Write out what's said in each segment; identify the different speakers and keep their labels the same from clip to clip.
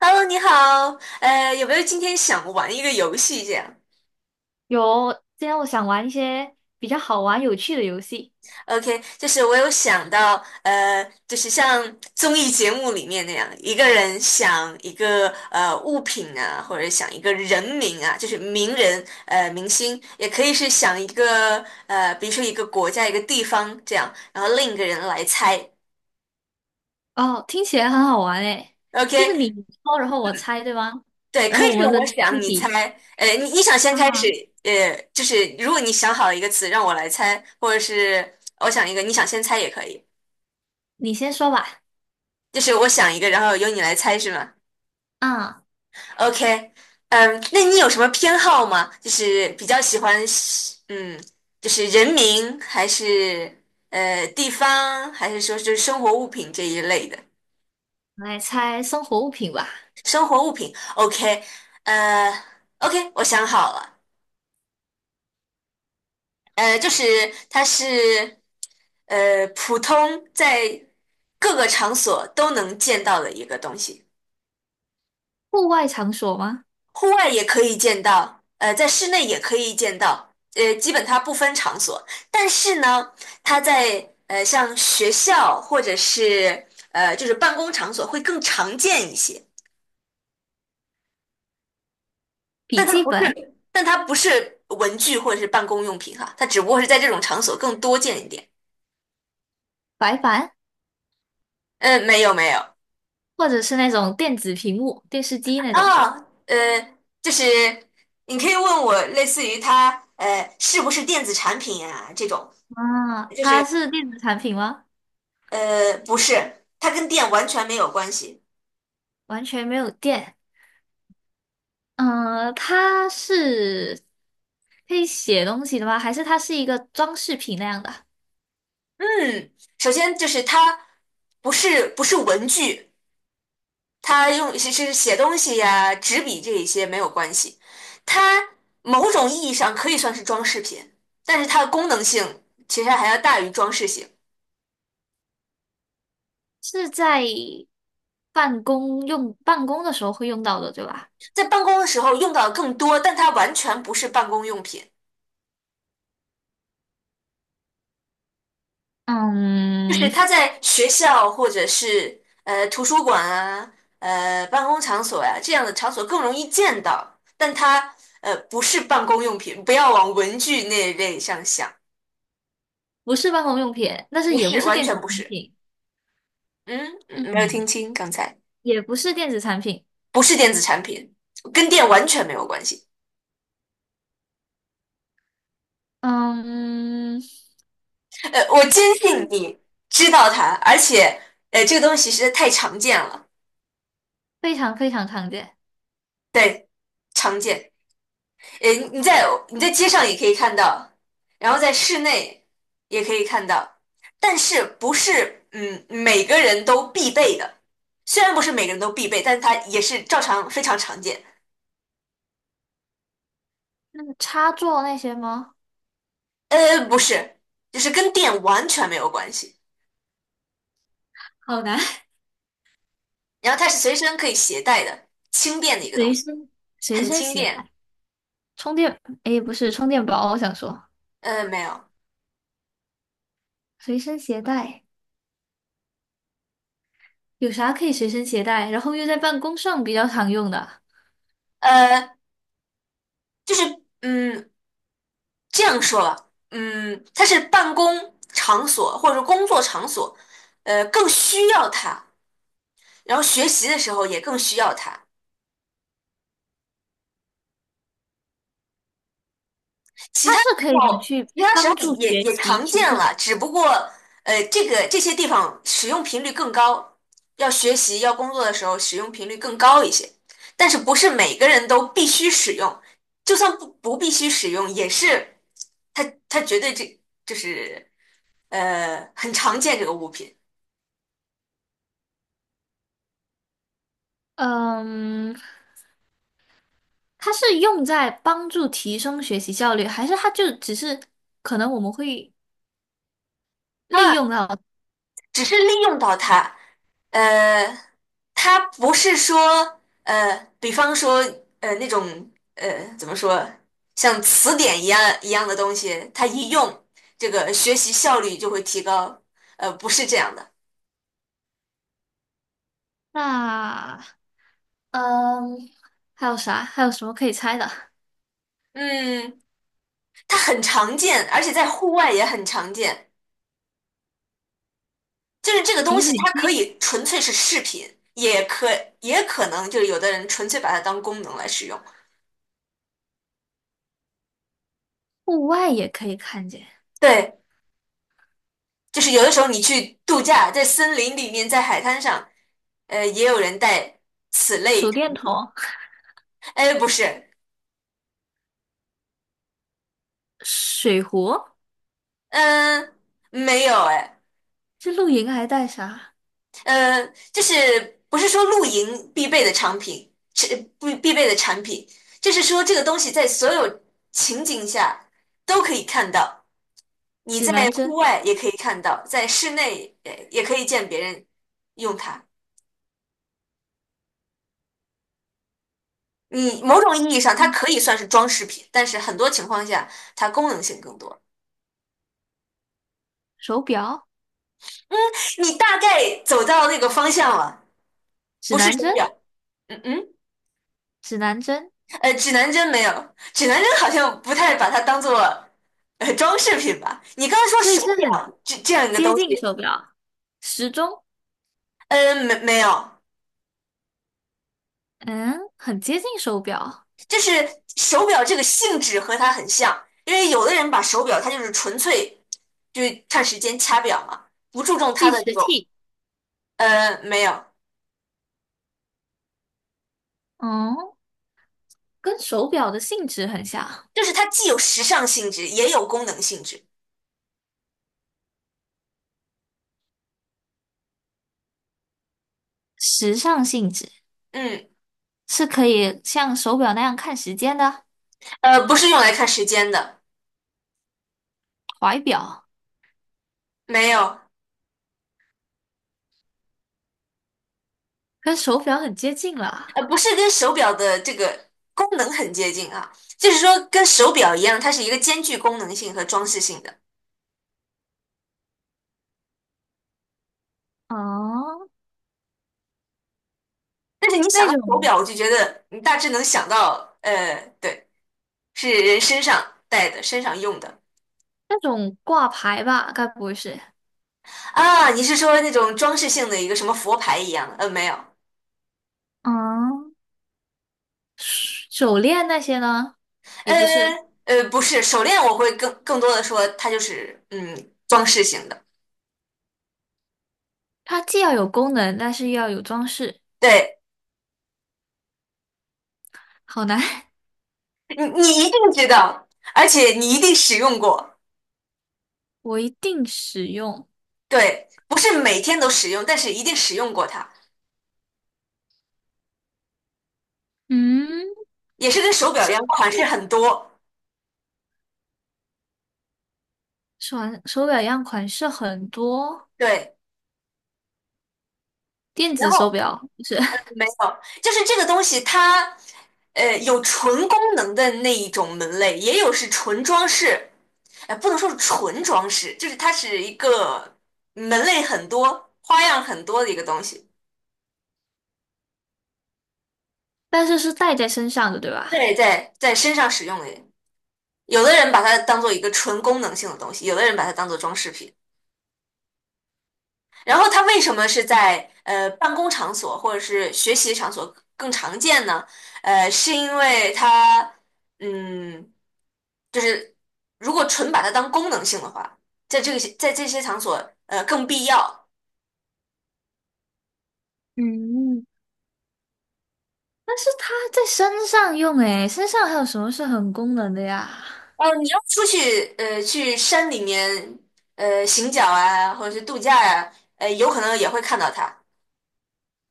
Speaker 1: Hello，你好，有没有今天想玩一个游戏这样
Speaker 2: 有，今天我想玩一些比较好玩、有趣的游戏。
Speaker 1: ？OK，就是我有想到，就是像综艺节目里面那样，一个人想一个物品啊，或者想一个人名啊，就是名人明星，也可以是想一个，比如说一个国家一个地方这样，然后另一个人来猜。
Speaker 2: 哦，听起来很好玩诶，就是
Speaker 1: OK，
Speaker 2: 你说，然后我猜，对吗？
Speaker 1: 对，
Speaker 2: 然
Speaker 1: 可
Speaker 2: 后我
Speaker 1: 以是
Speaker 2: 们轮
Speaker 1: 我
Speaker 2: 流出
Speaker 1: 想你猜，
Speaker 2: 题，
Speaker 1: 你想先开
Speaker 2: 啊。
Speaker 1: 始，就是如果你想好一个词让我来猜，或者是我想一个，你想先猜也可以，
Speaker 2: 你先说吧。
Speaker 1: 就是我想一个，然后由你来猜是吗
Speaker 2: 啊，
Speaker 1: ？OK，那你有什么偏好吗？就是比较喜欢就是人名还是地方，还是说就是生活物品这一类的？
Speaker 2: 我来猜生活物品吧。
Speaker 1: 生活物品，OK，呃，OK，我想好了。就是它是普通在各个场所都能见到的一个东西，
Speaker 2: 户外场所吗？
Speaker 1: 户外也可以见到，在室内也可以见到，基本它不分场所。但是呢，它在像学校或者是就是办公场所会更常见一些，
Speaker 2: 笔记本、
Speaker 1: 但它不是文具或者是办公用品哈，它只不过是在这种场所更多见一点。
Speaker 2: 白板，
Speaker 1: 嗯，没有没有。
Speaker 2: 或者是那种电子屏幕、电视机那种。
Speaker 1: 啊，就是你可以问我，类似于它是不是电子产品啊这种，
Speaker 2: 啊，
Speaker 1: 就
Speaker 2: 它
Speaker 1: 是
Speaker 2: 是电子产品吗？
Speaker 1: 不是，它跟电完全没有关系。
Speaker 2: 完全没有电。嗯、它是可以写东西的吗？还是它是一个装饰品那样的？
Speaker 1: 嗯，首先就是它不是文具，它用是写东西呀、纸笔这一些没有关系，它某种意义上可以算是装饰品，但是它的功能性其实还要大于装饰性，
Speaker 2: 是在办公的时候会用到的，对吧？
Speaker 1: 在办公的时候用到的更多，但它完全不是办公用品。就
Speaker 2: 嗯，
Speaker 1: 是他在学校或者是图书馆啊、办公场所呀、这样的场所更容易见到，但它不是办公用品，不要往文具那一类上想，
Speaker 2: 不是办公用品，但是
Speaker 1: 不
Speaker 2: 也不
Speaker 1: 是，
Speaker 2: 是
Speaker 1: 完
Speaker 2: 电子
Speaker 1: 全不
Speaker 2: 产
Speaker 1: 是。
Speaker 2: 品，
Speaker 1: 嗯，
Speaker 2: 嗯，
Speaker 1: 没有听清刚才，
Speaker 2: 也不是电子产品，
Speaker 1: 不是电子产品，跟电完全没有关系。
Speaker 2: 嗯，
Speaker 1: 我坚信你知道它，而且这个东西实在太常见了，
Speaker 2: 非常非常常见。
Speaker 1: 对，常见。诶，你在街上也可以看到，然后在室内也可以看到，但是不是每个人都必备的。虽然不是每个人都必备，但它也是照常非常常见。
Speaker 2: 那个插座那些吗？
Speaker 1: 不是，就是跟电完全没有关系。
Speaker 2: 好难，
Speaker 1: 然后它是随身可以携带的，轻便的一个
Speaker 2: 随
Speaker 1: 东西，
Speaker 2: 身随
Speaker 1: 很
Speaker 2: 身
Speaker 1: 轻
Speaker 2: 携
Speaker 1: 便。
Speaker 2: 带，充电，诶，不是充电宝，我想说
Speaker 1: 没有，
Speaker 2: 随身携带有啥可以随身携带，然后又在办公上比较常用的，
Speaker 1: 呃，就是嗯这样说吧，它是办公场所或者是工作场所，更需要它。然后学习的时候也更需要它，其
Speaker 2: 它
Speaker 1: 他
Speaker 2: 是
Speaker 1: 时
Speaker 2: 可以拿
Speaker 1: 候
Speaker 2: 去
Speaker 1: 其他时
Speaker 2: 帮
Speaker 1: 候
Speaker 2: 助
Speaker 1: 也
Speaker 2: 学
Speaker 1: 也
Speaker 2: 习
Speaker 1: 常
Speaker 2: 提
Speaker 1: 见
Speaker 2: 升。
Speaker 1: 了，只不过这些地方使用频率更高，要学习要工作的时候使用频率更高一些，但是不是每个人都必须使用，就算不必须使用，也是它它绝对这就是很常见这个物品。
Speaker 2: 嗯，它是用在帮助提升学习效率，还是它就只是可能我们会
Speaker 1: 当
Speaker 2: 利
Speaker 1: 然
Speaker 2: 用到？
Speaker 1: 只是利用到它，呃，它不是说，比方说，那种，怎么说，像词典一样的东西，它一用，这个学习效率就会提高，不是这样的，
Speaker 2: 那嗯，还有啥？还有什么可以猜的？
Speaker 1: 嗯，它很常见，而且在户外也很常见，就是这个东
Speaker 2: 饮
Speaker 1: 西
Speaker 2: 水
Speaker 1: 它可
Speaker 2: 机，
Speaker 1: 以纯粹是饰品，也可能就是有的人纯粹把它当功能来使用。
Speaker 2: 户外也可以看见，
Speaker 1: 对，就是有的时候你去度假，在森林里面，在海滩上，也有人带此类
Speaker 2: 手
Speaker 1: 产
Speaker 2: 电筒，
Speaker 1: 品。哎，不是，
Speaker 2: 水壶，
Speaker 1: 嗯，没有，哎，
Speaker 2: 这露营还带啥？
Speaker 1: 呃，就是不是说露营必备的产品，是必备的产品，就是说这个东西在所有情景下都可以看到，你
Speaker 2: 指
Speaker 1: 在
Speaker 2: 南
Speaker 1: 户
Speaker 2: 针，
Speaker 1: 外也可以看到，在室内也可以见别人用它。你某种意义上，它
Speaker 2: 嗯，
Speaker 1: 可以算是装饰品，但是很多情况下，它功能性更多。
Speaker 2: 手表，
Speaker 1: 你大概走到那个方向了，
Speaker 2: 指
Speaker 1: 不是
Speaker 2: 南
Speaker 1: 手
Speaker 2: 针，
Speaker 1: 表。嗯嗯，
Speaker 2: 指南针，
Speaker 1: 指南针没有，指南针好像不太把它当做装饰品吧。你刚才说
Speaker 2: 所以
Speaker 1: 手
Speaker 2: 是很
Speaker 1: 表这样一个
Speaker 2: 接
Speaker 1: 东西，
Speaker 2: 近手表，时钟，
Speaker 1: 没有，
Speaker 2: 嗯，很接近手表，
Speaker 1: 就是手表这个性质和它很像，因为有的人把手表它就是纯粹就是看时间掐表嘛，不注重它
Speaker 2: 计
Speaker 1: 的这
Speaker 2: 时
Speaker 1: 个，
Speaker 2: 器，
Speaker 1: 没有，
Speaker 2: 嗯。跟手表的性质很像，
Speaker 1: 就是它既有时尚性质也有功能性质。
Speaker 2: 时尚性质
Speaker 1: 嗯，
Speaker 2: 是可以像手表那样看时间的，
Speaker 1: 不是用来看时间的，
Speaker 2: 怀表
Speaker 1: 没有。
Speaker 2: 跟手表很接近了
Speaker 1: 不是跟手表的这个功能很接近啊，就是说跟手表一样，它是一个兼具功能性和装饰性的。
Speaker 2: 哦，
Speaker 1: 但是你想
Speaker 2: 那
Speaker 1: 到手
Speaker 2: 种
Speaker 1: 表，我就觉得你大致能想到，对，是人身上戴的、身上用的
Speaker 2: 挂牌吧，该不会是？
Speaker 1: 啊。你是说那种装饰性的一个什么佛牌一样的没有，
Speaker 2: 嗯，手链那些呢？也
Speaker 1: 呃
Speaker 2: 不是，
Speaker 1: 不是手链，我会更多的说它就是装饰性的。
Speaker 2: 它既要有功能，但是又要有装饰，
Speaker 1: 对
Speaker 2: 好难。
Speaker 1: 你，你一定知道，而且你一定使用过。
Speaker 2: 我一定使用。
Speaker 1: 对，不是每天都使用，但是一定使用过它，
Speaker 2: 嗯，
Speaker 1: 也是跟手表一样，
Speaker 2: 是
Speaker 1: 款式很多。
Speaker 2: 手手表一样款式很多，
Speaker 1: 对，
Speaker 2: 电
Speaker 1: 然
Speaker 2: 子手
Speaker 1: 后
Speaker 2: 表不是，
Speaker 1: 没有，就是这个东西它，有纯功能的那一种门类，也有是纯装饰，不能说是纯装饰，就是它是一个门类很多、花样很多的一个东西。
Speaker 2: 但是是戴在身上的，对吧？
Speaker 1: 对，在身上使用的，有的人把它当做一个纯功能性的东西，有的人把它当做装饰品。然后它为什么是在办公场所或者是学习场所更常见呢？是因为它，嗯，就是如果纯把它当功能性的话，在这些场所更必要。
Speaker 2: 嗯，但是它在身上用诶，身上还有什么是很功能的呀？
Speaker 1: 哦，你要出去去山里面行脚啊，或者是度假呀、有可能也会看到它。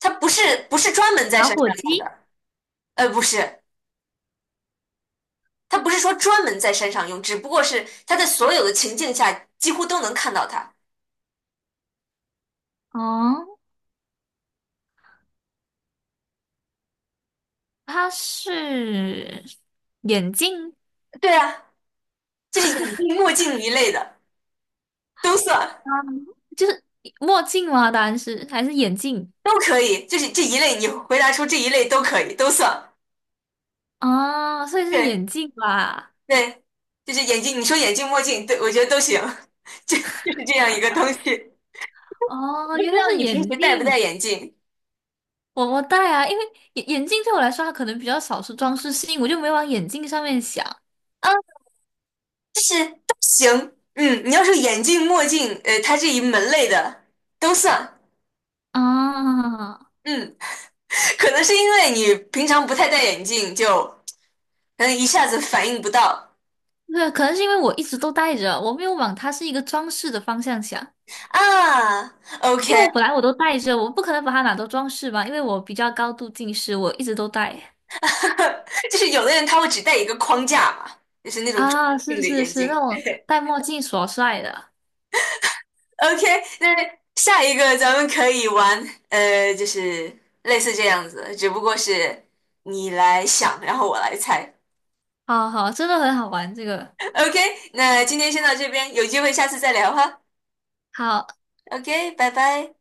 Speaker 1: 它不是专门在山上用
Speaker 2: 咦，
Speaker 1: 的，不是。他不是说专门在山上用，只不过是他在所有的情境下几乎都能看到他。
Speaker 2: 哦，它是眼镜，
Speaker 1: 对啊，就是眼镜、墨镜一类的都算，
Speaker 2: 啊，就是墨镜吗？答案是还是眼镜？
Speaker 1: 都可以。就是这一类，你回答出这一类都可以，都算。
Speaker 2: 哦，所以是
Speaker 1: 对
Speaker 2: 眼镜吧？
Speaker 1: 对，就是眼镜，你说眼镜、墨镜，对我觉得都行。就是这样一个东西。
Speaker 2: 哦，
Speaker 1: 不知
Speaker 2: 原来
Speaker 1: 道
Speaker 2: 是
Speaker 1: 你平时
Speaker 2: 眼
Speaker 1: 戴不戴
Speaker 2: 镜。
Speaker 1: 眼镜
Speaker 2: 我戴啊，因为眼镜对我来说，它可能比较少是装饰性，我就没往眼镜上面想
Speaker 1: 啊？就是都行。嗯，你要说眼镜、墨镜，它这一门类的都算。
Speaker 2: 啊。
Speaker 1: 嗯，可能是因为你平常不太戴眼镜，就。可能一下子反应不到
Speaker 2: 对，可能是因为我一直都戴着，我没有往它是一个装饰的方向想。
Speaker 1: 啊。
Speaker 2: 因为我本
Speaker 1: OK，
Speaker 2: 来我都戴着，我不可能把它拿都装饰吧，因为我比较高度近视，我一直都戴。
Speaker 1: 就是有的人他会只戴一个框架嘛，就是那种重
Speaker 2: 啊，
Speaker 1: 镜
Speaker 2: 是
Speaker 1: 的
Speaker 2: 是
Speaker 1: 眼
Speaker 2: 是，那
Speaker 1: 镜。
Speaker 2: 种戴墨镜耍帅的，
Speaker 1: OK，那下一个咱们可以玩，就是类似这样子，只不过是你来想，然后我来猜。
Speaker 2: 好好，真的很好玩这个。
Speaker 1: OK，那今天先到这边，有机会下次再聊哈。
Speaker 2: 好，
Speaker 1: OK，拜拜。